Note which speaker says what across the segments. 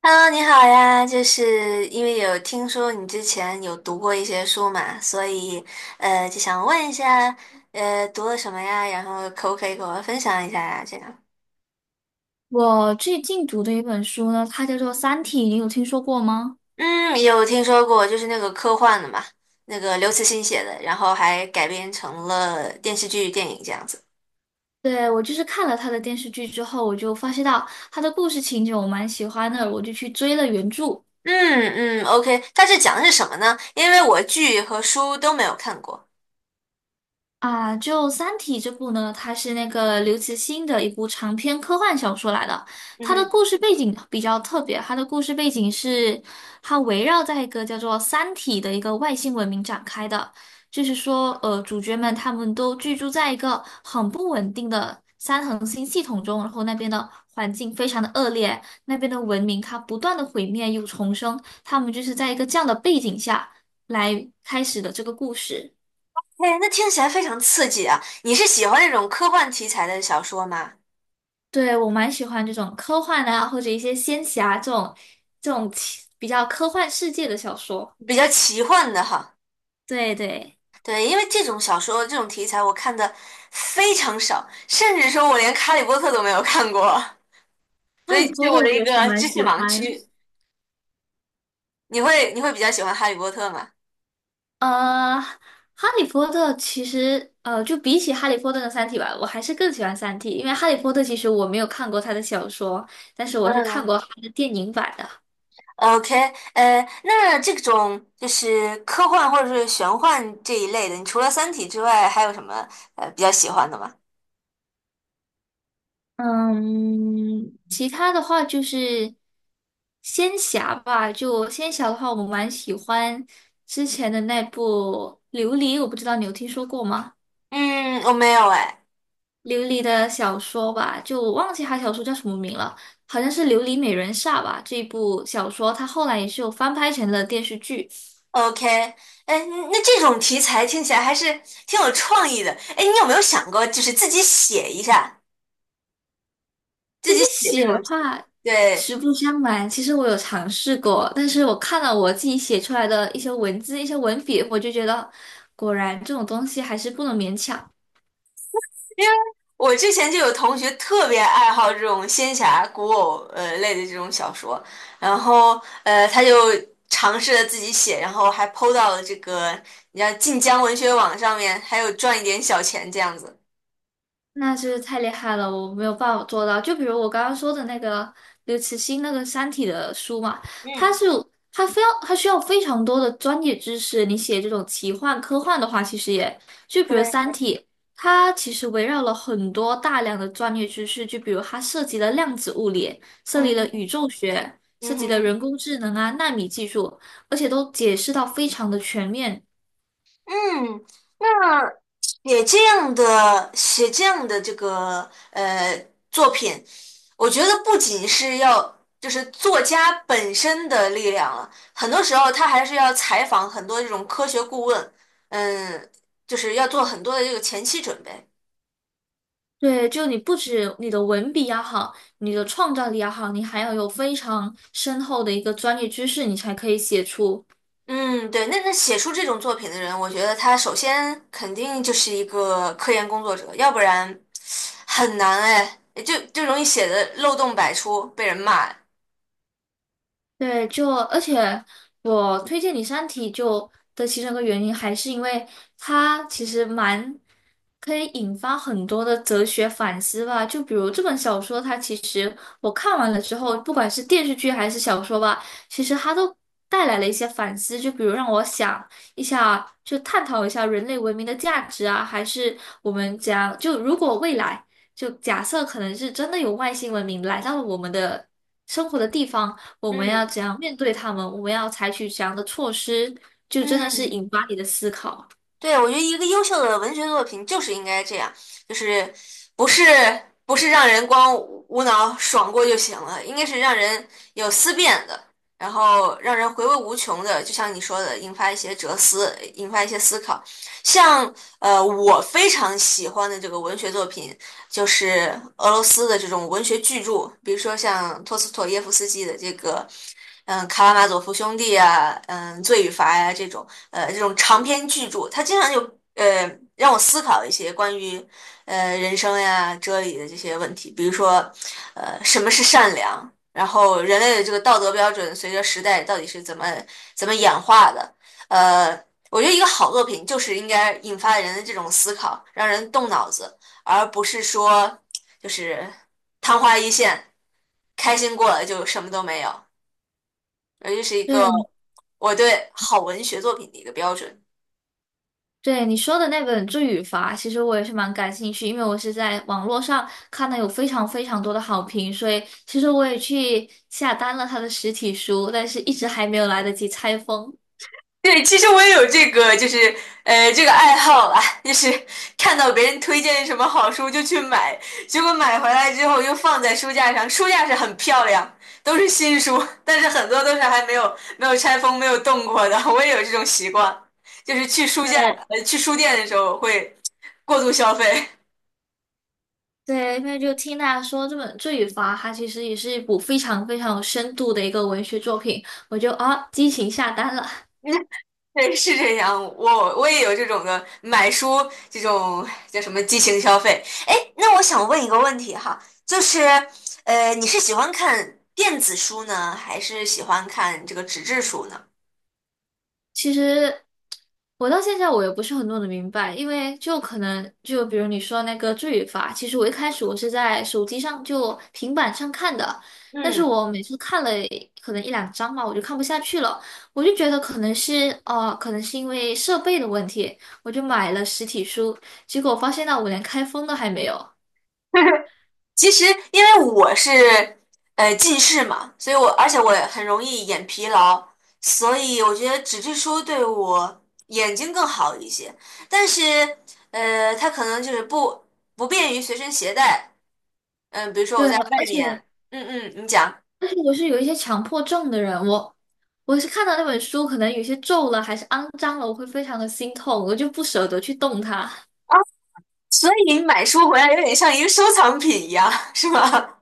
Speaker 1: Hello，你好呀，就是因为有听说你之前有读过一些书嘛，所以就想问一下，读了什么呀？然后可不可以给我分享一下呀？这样，
Speaker 2: 我最近读的一本书呢，它叫做《三体》，你有听说过吗？
Speaker 1: 嗯，有听说过，就是那个科幻的嘛，那个刘慈欣写的，然后还改编成了电视剧、电影这样子。
Speaker 2: 对，我就是看了它的电视剧之后，我就发现到它的故事情节我蛮喜欢的，我就去追了原著。
Speaker 1: 嗯嗯，OK，它是讲的是什么呢？因为我剧和书都没有看过。
Speaker 2: 啊，就《三体》这部呢，它是那个刘慈欣的一部长篇科幻小说来的。
Speaker 1: 嗯
Speaker 2: 它的
Speaker 1: 哼。
Speaker 2: 故事背景比较特别，它的故事背景是它围绕在一个叫做"三体"的一个外星文明展开的。就是说，主角们他们都居住在一个很不稳定的三恒星系统中，然后那边的环境非常的恶劣，那边的文明它不断的毁灭又重生，他们就是在一个这样的背景下来开始的这个故事。
Speaker 1: 哎，那听起来非常刺激啊！你是喜欢那种科幻题材的小说吗？
Speaker 2: 对，我蛮喜欢这种科幻啊，或者一些仙侠这种比较科幻世界的小说。
Speaker 1: 比较奇幻的哈，
Speaker 2: 对对，
Speaker 1: 对，因为这种小说这种题材我看的非常少，甚至说我连《哈利波特》都没有看过，所
Speaker 2: 《哈
Speaker 1: 以
Speaker 2: 利
Speaker 1: 这
Speaker 2: 波
Speaker 1: 是我
Speaker 2: 特》
Speaker 1: 的
Speaker 2: 我
Speaker 1: 一
Speaker 2: 也是
Speaker 1: 个
Speaker 2: 蛮
Speaker 1: 知识
Speaker 2: 喜
Speaker 1: 盲
Speaker 2: 欢。
Speaker 1: 区。你会比较喜欢《哈利波特》吗？
Speaker 2: 呃，《哈利波特》其实就比起《哈利波特》的《三体》吧，我还是更喜欢《三体》，因为《哈利波特》其实我没有看过他的小说，但是我是看
Speaker 1: 嗯
Speaker 2: 过他的电影版的。
Speaker 1: ，OK，呃，那这种就是科幻或者是玄幻这一类的，你除了《三体》之外，还有什么比较喜欢的吗？
Speaker 2: 嗯，其他的话就是仙侠吧。就仙侠的话，我蛮喜欢之前的那部《琉璃》，我不知道你有听说过吗？
Speaker 1: 嗯，我没有哎。
Speaker 2: 琉璃的小说吧，就我忘记它小说叫什么名了，好像是《琉璃美人煞》吧。这一部小说它后来也是有翻拍成了电视剧，
Speaker 1: OK，哎，那这种题材听起来还是挺有创意的。哎，你有没有想过，就是自己写一下？
Speaker 2: 这
Speaker 1: 自
Speaker 2: 些
Speaker 1: 己写这
Speaker 2: 写的
Speaker 1: 种，
Speaker 2: 话，
Speaker 1: 对，
Speaker 2: 实不相瞒，其实我有尝试过，但是我看了我自己写出来的一些文字、一些文笔，我就觉得，果然这种东西还是不能勉强。
Speaker 1: 因为我之前就有同学特别爱好这种仙侠、古偶类的这种小说，然后他就尝试着自己写，然后还 PO 到了这个你像晋江文学网上面，还有赚一点小钱这样子。
Speaker 2: 那真是太厉害了，我没有办法做到。就比如我刚刚说的那个刘慈欣那个《三体》的书嘛，他
Speaker 1: 嗯，
Speaker 2: 是他非要他需要非常多的专业知识。你写这种奇幻科幻的话，其实也就比如
Speaker 1: 对，
Speaker 2: 《三体》，它其实围绕了很多大量的专业知识，就比如它涉及了量子物理，涉及
Speaker 1: 嗯
Speaker 2: 了宇
Speaker 1: 哼
Speaker 2: 宙学，涉
Speaker 1: 嗯
Speaker 2: 及了
Speaker 1: 哼
Speaker 2: 人工智能啊、纳米技术，而且都解释到非常的全面。
Speaker 1: 嗯。写这样的这个作品，我觉得不仅是要就是作家本身的力量了，很多时候他还是要采访很多这种科学顾问，嗯，就是要做很多的这个前期准备。
Speaker 2: 对，就你不止你的文笔要好，你的创造力要好，你还要有非常深厚的一个专业知识，你才可以写出。
Speaker 1: 嗯，对，那写出这种作品的人，我觉得他首先肯定就是一个科研工作者，要不然很难哎，就容易写的漏洞百出，被人骂。
Speaker 2: 对，就而且我推荐你《三体》就的其中一个原因，还是因为它其实蛮可以引发很多的哲学反思吧。就比如这本小说，它其实我看完了之后，不管是电视剧还是小说吧，其实它都带来了一些反思。就比如让我想一下，就探讨一下人类文明的价值啊，还是我们讲就如果未来，就假设可能是真的有外星文明来到了我们的生活的地方。我们要
Speaker 1: 嗯
Speaker 2: 怎样面对他们？我们要采取怎样的措施？就真的是
Speaker 1: 嗯。
Speaker 2: 引发你的思考。
Speaker 1: 对，我觉得一个优秀的文学作品就是应该这样，就是不是不是让人光无脑爽过就行了，应该是让人有思辨的，然后让人回味无穷的，就像你说的，引发一些哲思，引发一些思考。像，我非常喜欢的这个文学作品，就是俄罗斯的这种文学巨著，比如说像托斯妥耶夫斯基的这个，嗯，《卡拉马佐夫兄弟》啊，嗯，《罪与罚》呀这种，这种长篇巨著，它经常就呃让我思考一些关于人生呀、哲理的这些问题，比如说，什么是善良？然后人类的这个道德标准随着时代到底是怎么演化的？呃，我觉得一个好作品就是应该引发人的这种思考，让人动脑子，而不是说就是昙花一现，开心过了就什么都没有。而这是一个
Speaker 2: 对
Speaker 1: 我对好文学作品的一个标准。
Speaker 2: 对，你说的那本《罪与罚》，其实我也是蛮感兴趣，因为我是在网络上看到有非常非常多的好评，所以其实我也去下单了他的实体书，但是一直还没有来得及拆封。
Speaker 1: 对，其实我也有这个，就是，这个爱好啊，就是看到别人推荐什么好书就去买，结果买回来之后又放在书架上，书架是很漂亮，都是新书，但是很多都是还没有没有拆封、没有动过的。我也有这种习惯，就是去书架，
Speaker 2: 对
Speaker 1: 去书店的时候会过度消费。
Speaker 2: 对，因为就听大家说这本《罪与罚》，它其实也是一部非常非常有深度的一个文学作品，我就啊激情下单了。
Speaker 1: 对，是这样，我也有这种的买书这种叫什么激情消费。哎，那我想问一个问题哈，就是，你是喜欢看电子书呢，还是喜欢看这个纸质书呢？
Speaker 2: 其实我到现在我也不是很弄得明白，因为就可能就比如你说那个罪与罚，其实我一开始我是在手机上就平板上看的，但是
Speaker 1: 嗯，
Speaker 2: 我每次看了可能一两章嘛，我就看不下去了，我就觉得可能是因为设备的问题，我就买了实体书，结果发现到我连开封都还没有。
Speaker 1: 其实因为我是近视嘛，所以我而且我也很容易眼疲劳，所以我觉得纸质书对我眼睛更好一些。但是，它可能就是不便于随身携带。嗯，比如说我
Speaker 2: 对，
Speaker 1: 在外
Speaker 2: 而且。
Speaker 1: 面，嗯嗯，你讲
Speaker 2: 但是我是有一些强迫症的人，我是看到那本书，可能有些皱了还是肮脏了，我会非常的心痛，我就不舍得去动它。
Speaker 1: 啊，所以买书回来有点像一个收藏品一样，是吗？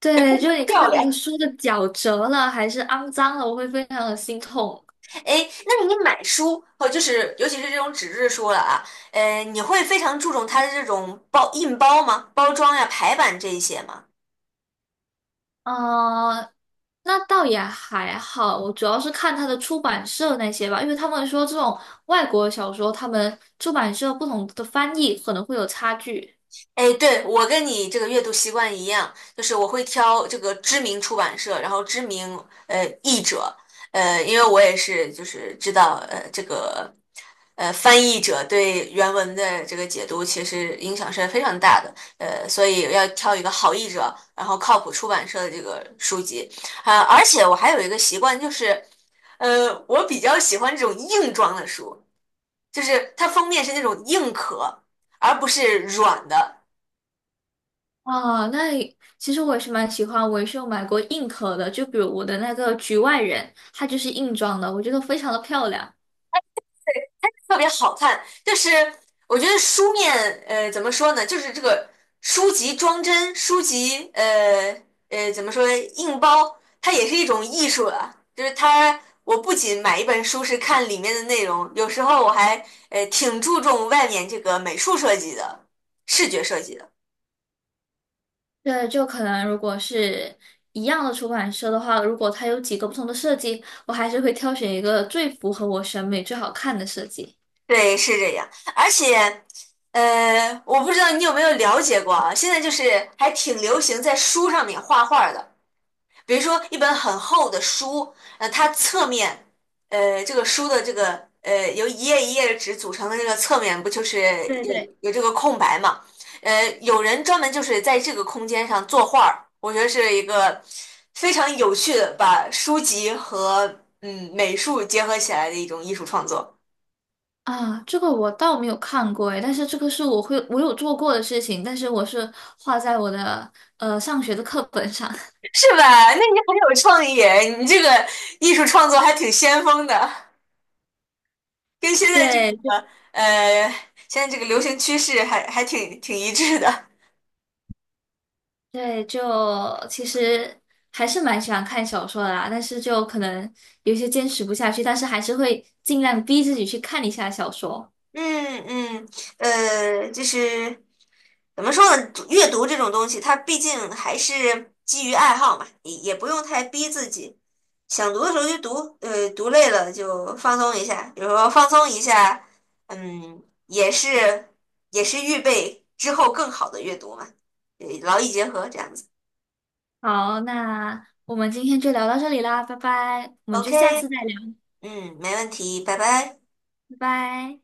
Speaker 2: 对，就是你 看
Speaker 1: 漂
Speaker 2: 那个
Speaker 1: 亮。
Speaker 2: 书的角折了还是肮脏了，我会非常的心痛。
Speaker 1: 哎，那你买书哦，就是尤其是这种纸质书了啊，你会非常注重它的这种包吗？包装呀、排版这一些吗？
Speaker 2: 呃，那倒也还好，我主要是看它的出版社那些吧，因为他们说这种外国小说，他们出版社不同的翻译可能会有差距。
Speaker 1: 哎，对，我跟你这个阅读习惯一样，就是我会挑这个知名出版社，然后知名译者，因为我也是就是知道这个翻译者对原文的这个解读其实影响是非常大的，所以要挑一个好译者，然后靠谱出版社的这个书籍，啊、而且我还有一个习惯就是，我比较喜欢这种硬装的书，就是它封面是那种硬壳。而不是软的，
Speaker 2: 啊，那里其实我也是蛮喜欢，我也是有买过硬壳的，就比如我的那个局外人，它就是硬装的，我觉得非常的漂亮。
Speaker 1: 特别好看，就是我觉得书面，怎么说呢，就是这个书籍装帧，书籍，怎么说，硬包，它也是一种艺术了。就是它，我不仅买一本书是看里面的内容，有时候我还，挺注重外面这个美术设计的，视觉设计的。
Speaker 2: 对，就可能如果是一样的出版社的话，如果它有几个不同的设计，我还是会挑选一个最符合我审美、最好看的设计。
Speaker 1: 对，是这样，而且。我不知道你有没有了解过啊？现在就是还挺流行在书上面画画的。比如说一本很厚的书，它侧面，这个书的这个由一页一页的纸组成的这个侧面，不就是
Speaker 2: 对
Speaker 1: 有
Speaker 2: 对。
Speaker 1: 有这个空白嘛？有人专门就是在这个空间上作画儿，我觉得是一个非常有趣的把书籍和嗯美术结合起来的一种艺术创作，
Speaker 2: 啊，这个我倒没有看过诶，但是这个是我有做过的事情，但是我是画在我的上学的课本上。
Speaker 1: 是吧？那你很有创意，你这个艺术创作还挺先锋的。跟现在这
Speaker 2: 对，
Speaker 1: 个呃，现在这个流行趋势还挺一致的。
Speaker 2: 对，就其实还是蛮喜欢看小说的啦，但是就可能有些坚持不下去，但是还是会尽量逼自己去看一下小说。
Speaker 1: 嗯嗯，就是怎么说呢？阅读这种东西，它毕竟还是基于爱好嘛，也不用太逼自己。想读的时候就读，读累了就放松一下。比如说放松一下，嗯，也是预备之后更好的阅读嘛，劳逸结合这样子。
Speaker 2: 好，那我们今天就聊到这里啦，拜拜，我们就下次
Speaker 1: OK，
Speaker 2: 再聊，
Speaker 1: 嗯，没问题，拜拜。
Speaker 2: 拜拜。